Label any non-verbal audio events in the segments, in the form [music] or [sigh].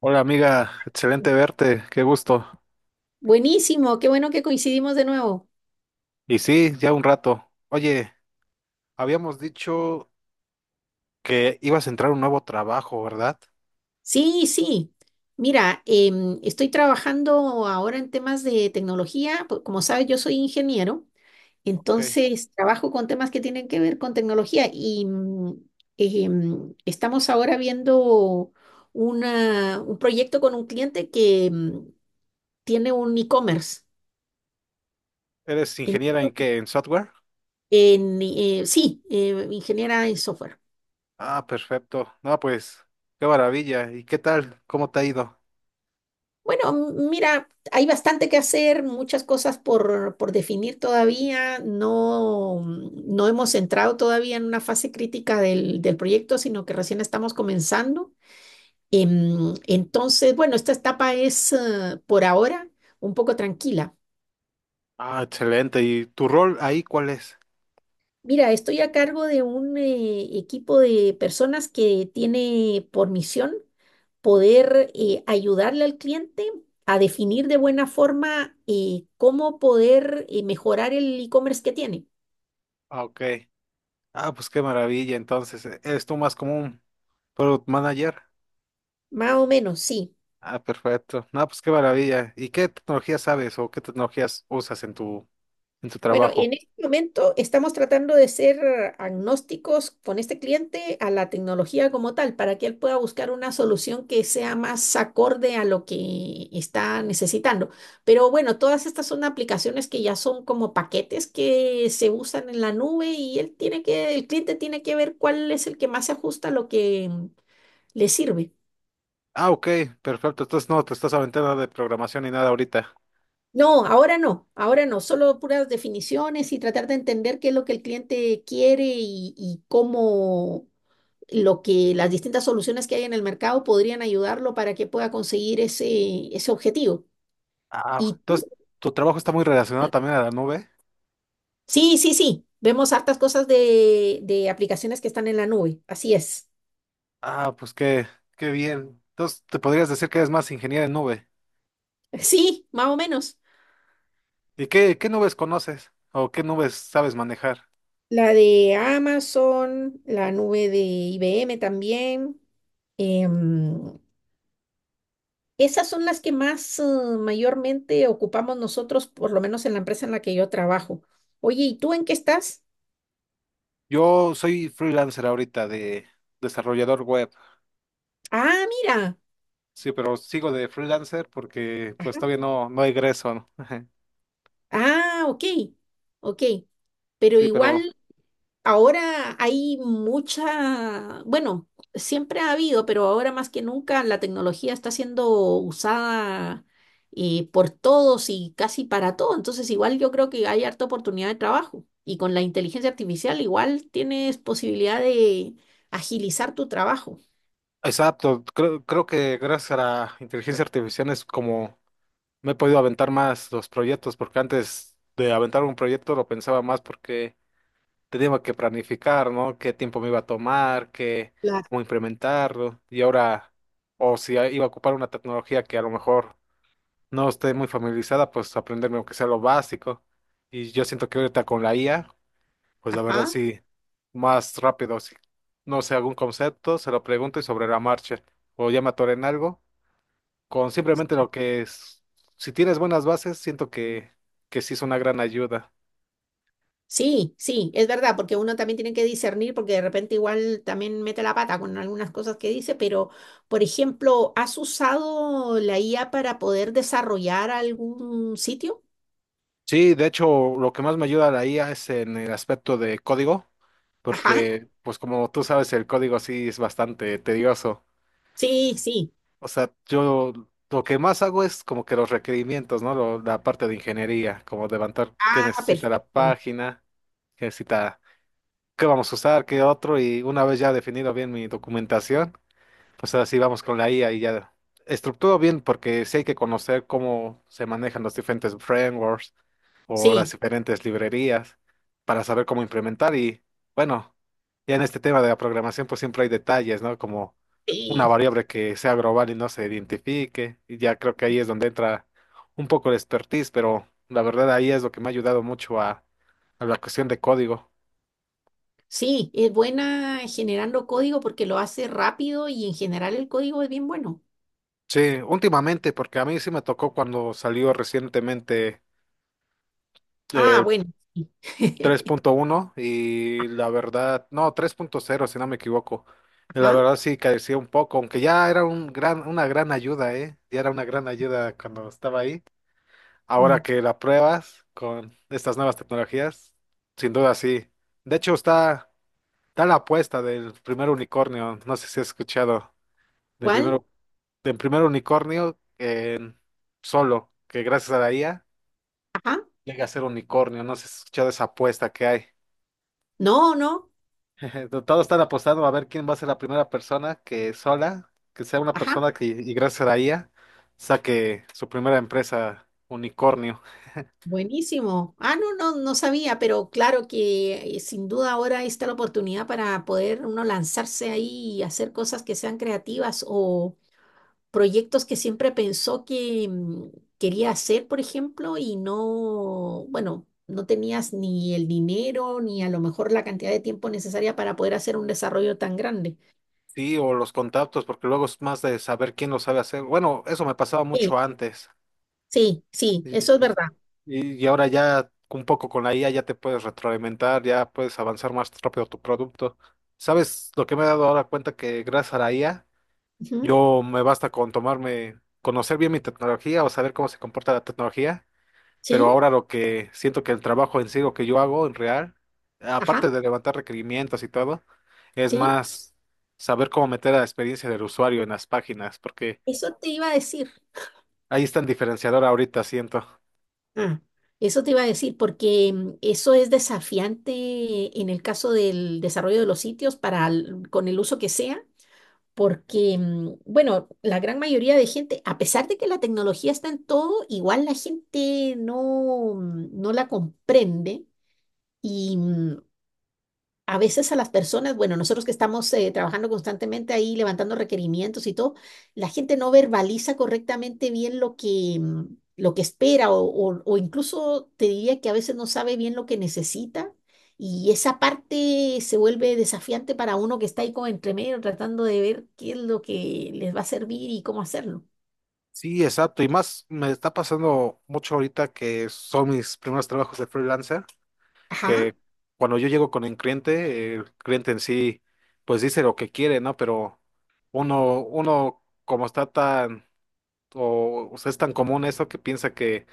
Hola amiga, excelente verte, qué gusto. Buenísimo, qué bueno que coincidimos de nuevo. Y sí, ya un rato. Oye, habíamos dicho que ibas a entrar a un nuevo trabajo, ¿verdad? Sí, sí. Mira, estoy trabajando ahora en temas de tecnología. Como sabes, yo soy ingeniero, Ok. entonces trabajo con temas que tienen que ver con tecnología y estamos ahora viendo un proyecto con un cliente que tiene un e-commerce. ¿Eres En, ingeniera en qué? ¿En software? Sí, ingeniera en software. Ah, perfecto. No, pues, qué maravilla. ¿Y qué tal? ¿Cómo te ha ido? Bueno, mira, hay bastante que hacer, muchas cosas por definir todavía. No hemos entrado todavía en una fase crítica del proyecto, sino que recién estamos comenzando. Entonces, bueno, esta etapa es, por ahora un poco tranquila. Ah, excelente. ¿Y tu rol ahí cuál es? Mira, estoy a cargo de un equipo de personas que tiene por misión poder ayudarle al cliente a definir de buena forma cómo poder mejorar el e-commerce que tiene. Ah, ok. Ah, pues qué maravilla. Entonces, ¿eres tú más como un product manager? Más o menos, sí. Ah, perfecto. No, pues qué maravilla. ¿Y qué tecnologías sabes o qué tecnologías usas en tu Bueno, trabajo? en este momento estamos tratando de ser agnósticos con este cliente a la tecnología como tal, para que él pueda buscar una solución que sea más acorde a lo que está necesitando. Pero bueno, todas estas son aplicaciones que ya son como paquetes que se usan en la nube y él tiene que, el cliente tiene que ver cuál es el que más se ajusta a lo que le sirve. Ah, ok, perfecto. Entonces no te estás aventando nada de programación ni nada ahorita. No, ahora no, ahora no, solo puras definiciones y tratar de entender qué es lo que el cliente quiere y cómo lo que las distintas soluciones que hay en el mercado podrían ayudarlo para que pueda conseguir ese objetivo. Ah, Y entonces tu trabajo está muy relacionado también a la nube. sí, sí, sí, vemos hartas cosas de aplicaciones que están en la nube, así es. Ah, pues qué, qué bien. Entonces te podrías decir que eres más ingeniero en nube. [laughs] Sí, más o menos. ¿Y qué, qué nubes conoces o qué nubes sabes manejar? La de Amazon, la nube de IBM también. Em, esas son las que más mayormente ocupamos nosotros, por lo menos en la empresa en la que yo trabajo. Oye, ¿y tú en qué estás? Yo soy freelancer ahorita de desarrollador web. Ah, mira. Sí, pero sigo de freelancer porque pues todavía no egreso, ¿no? [laughs] Ah, ok, ok. Pero Sí, pero igual ahora hay mucha, bueno, siempre ha habido, pero ahora más que nunca la tecnología está siendo usada por todos y casi para todo. Entonces igual yo creo que hay harta oportunidad de trabajo. Y con la inteligencia artificial igual tienes posibilidad de agilizar tu trabajo. exacto. Creo que gracias a la inteligencia artificial es como no he podido aventar más los proyectos porque antes de aventar un proyecto lo pensaba más porque tenía que planificar, ¿no? Qué tiempo me iba a tomar, qué, Claro. cómo implementarlo. Y ahora, o si iba a ocupar una tecnología que a lo mejor no esté muy familiarizada, pues aprenderme aunque sea lo básico. Y yo siento que ahorita con la IA, pues la verdad Ajá. sí, más rápido, si no sé algún concepto, se lo pregunto y sobre la marcha. O ya me atoré en algo, con simplemente lo Sí. que es, si tienes buenas bases, que sí es una gran ayuda. Sí, sí, es verdad, porque uno también tiene que discernir, porque de repente igual también mete la pata con algunas cosas que dice, pero, por ejemplo, ¿has usado la IA para poder desarrollar algún sitio? Sí, de hecho, lo que más me ayuda la IA es en el aspecto de código, Ajá, porque, pues como tú sabes, el código sí es bastante tedioso. sí, sí. O sea, yo lo que más hago es como que los requerimientos, ¿no? La parte de ingeniería, como levantar qué Ah, necesita la perfecto. página, qué necesita, qué vamos a usar, qué otro, y una vez ya definido bien mi documentación. Pues ahora sí vamos con la IA y ya estructuro bien porque sí hay que conocer cómo se manejan los diferentes frameworks o las Sí, diferentes librerías para saber cómo implementar y bueno, ya en este tema de la programación pues siempre hay detalles, ¿no? Como una sí, variable que sea global y no se identifique y ya creo que ahí es donde entra un poco el expertise, pero la verdad ahí es lo que me ha ayudado mucho a la cuestión de código. sí, es buena generando código porque lo hace rápido y en general el código es bien bueno. Sí, últimamente porque a mí sí me tocó cuando salió recientemente Ah, eh, bueno. Sí. [laughs] 3.1 y la verdad, no, 3.0 si no me equivoco. La Ajá. verdad sí carecía un poco, aunque ya era una gran ayuda, ¿eh? Ya era una gran ayuda cuando estaba ahí. Ahora mm, que la pruebas con estas nuevas tecnologías, sin duda sí. De hecho está, está la apuesta del primer unicornio, no sé si has escuchado, del ¿Cuál? primero, del primer unicornio en solo, que gracias a la IA Ajá. llega a ser unicornio, no sé si has escuchado esa apuesta que hay. No, no. [laughs] Todo está apostado a ver quién va a ser la primera persona que sola, que sea una Ajá. persona que, y gracias a la IA, saque su primera empresa unicornio. Buenísimo. Ah, no, no, no sabía, pero claro que sin duda ahora está la oportunidad para poder uno lanzarse ahí y hacer cosas que sean creativas o proyectos que siempre pensó que quería hacer, por ejemplo, y no, bueno, no tenías ni el dinero ni a lo mejor la cantidad de tiempo necesaria para poder hacer un desarrollo tan grande. Sí, o los contactos, porque luego es más de saber quién lo sabe hacer. Bueno, eso me pasaba Sí, mucho antes. sí, sí, Y, eso es verdad. y- y ahora ya un poco con la IA ya te puedes retroalimentar, ya puedes avanzar más rápido tu producto. ¿Sabes lo que me he dado ahora cuenta que gracias a la IA, Ujú. yo me basta con tomarme, conocer bien mi tecnología o saber cómo se comporta la tecnología pero Sí, ahora lo que siento que el trabajo en sí, lo que yo hago en real, aparte ajá, de levantar requerimientos y todo, es sí. más saber cómo meter a la experiencia del usuario en las páginas, porque Eso te iba a decir. ahí está el diferenciador ahorita, siento. Ah, eso te iba a decir, porque eso es desafiante en el caso del desarrollo de los sitios para con el uso que sea, porque, mm, bueno, la gran mayoría de gente, a pesar de que la tecnología está en todo, igual la gente no, mm, no la comprende. Y a veces a las personas, bueno, nosotros que estamos trabajando constantemente ahí, levantando requerimientos y todo, la gente no verbaliza correctamente bien lo que lo que espera o incluso te diría que a veces no sabe bien lo que necesita y esa parte se vuelve desafiante para uno que está ahí como entre medio tratando de ver qué es lo que les va a servir y cómo hacerlo. Sí, exacto, y más me está pasando mucho ahorita que son mis primeros trabajos de freelancer, Ajá. que cuando yo llego con el cliente en sí, pues dice lo que quiere, ¿no? Pero uno como está tan, o sea, es tan común eso que piensa que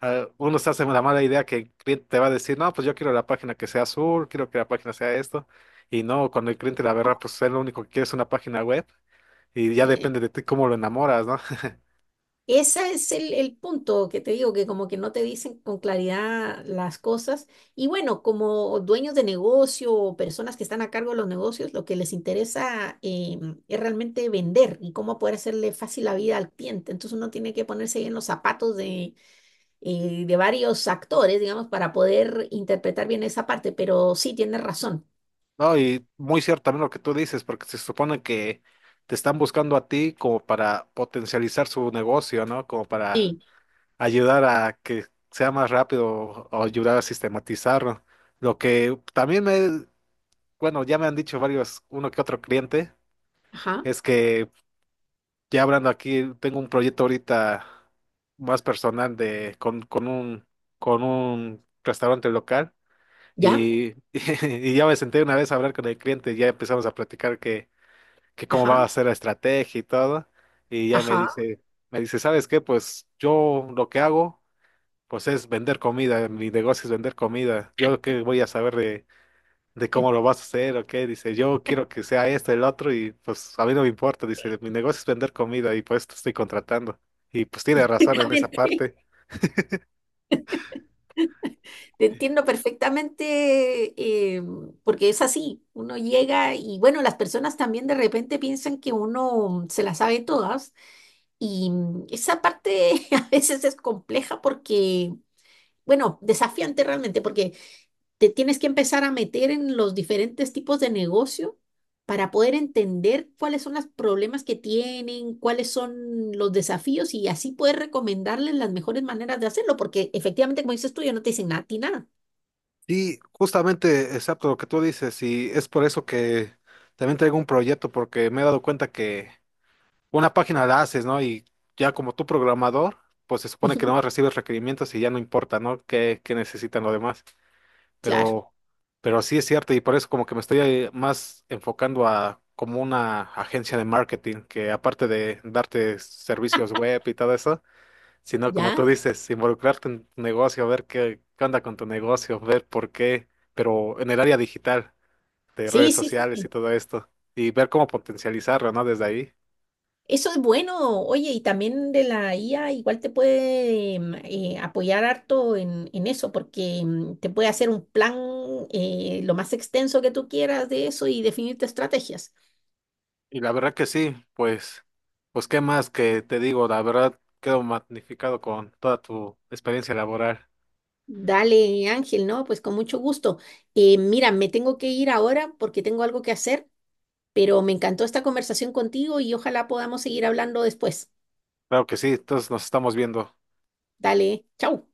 ah, uno se hace la mala idea que el cliente te va a decir, no, pues yo quiero la página que sea azul, quiero que la página sea esto. Y no, cuando el cliente, la verdad, pues es lo único que quiere es una página web y ya Sí. depende de ti cómo lo enamoras, ¿no? [laughs] Ese es el punto que te digo, que como que no te dicen con claridad las cosas. Y bueno, como dueños de negocio o personas que están a cargo de los negocios, lo que les interesa es realmente vender y cómo poder hacerle fácil la vida al cliente. Entonces uno tiene que ponerse ahí en los zapatos de varios actores, digamos, para poder interpretar bien esa parte. Pero sí, tienes razón. No, y muy cierto también lo que tú dices, porque se supone que te están buscando a ti como para potencializar su negocio, ¿no? Como para Sí. ayudar a que sea más rápido o ayudar a sistematizarlo. Lo que también me, bueno, ya me han dicho varios, uno que otro cliente, Ajá. es que ya hablando aquí, tengo un proyecto ahorita más personal de con un restaurante local ¿Ya? y, [laughs] y ya me senté una vez a hablar con el cliente, y ya empezamos a platicar que cómo va Ajá. a ser la estrategia y todo, y ya Ajá. Me dice, ¿sabes qué? Pues yo lo que hago pues es vender comida, mi negocio es vender comida. Yo qué voy a saber de cómo lo vas a hacer o qué. Dice, yo quiero que sea esto, el otro, y pues a mí no me importa. Dice, mi negocio es vender comida y pues te estoy contratando. Y pues tiene [laughs] razón en esa Seguramente. parte. Te entiendo perfectamente, eh, porque es así, uno llega y bueno, las personas también de repente piensan que uno se las sabe todas y esa parte [laughs] a veces es compleja porque, bueno, desafiante realmente, porque te tienes que empezar a meter en los diferentes tipos de negocio para poder entender cuáles son los problemas que tienen, cuáles son los desafíos y así poder recomendarles las mejores maneras de hacerlo, porque efectivamente, como dices tú, yo no te dicen nada, a ti nada. Y justamente, exacto lo que tú dices, y es por eso que también traigo un proyecto, porque me he dado cuenta que una página la haces, ¿no? Y ya como tú programador, pues se supone que no [laughs] recibes requerimientos y ya no importa, ¿no? ¿Qué, qué necesitan los demás? Claro, pero, pero sí es cierto y por eso como que me estoy más enfocando a como una agencia de marketing que aparte de darte servicios web y todo eso, sino como ya. tú dices, involucrarte en tu negocio, ver qué, qué onda con tu negocio, ver por qué, pero en el área digital de Sí, redes sí, sociales y sí. todo esto y ver cómo potencializarlo, ¿no? Desde ahí. Eso es bueno. Oye, y también de la IA igual te puede apoyar harto en eso, porque te puede hacer un plan lo más extenso que tú quieras de eso y definirte estrategias. Y la verdad que sí, pues, pues qué más que te digo, la verdad quedo magnificado con toda tu experiencia laboral. Dale, Ángel, ¿no? Pues con mucho gusto. Mira, me tengo que ir ahora porque tengo algo que hacer, pero me encantó esta conversación contigo y ojalá podamos seguir hablando después. Claro que sí, entonces nos estamos viendo. Dale, chau.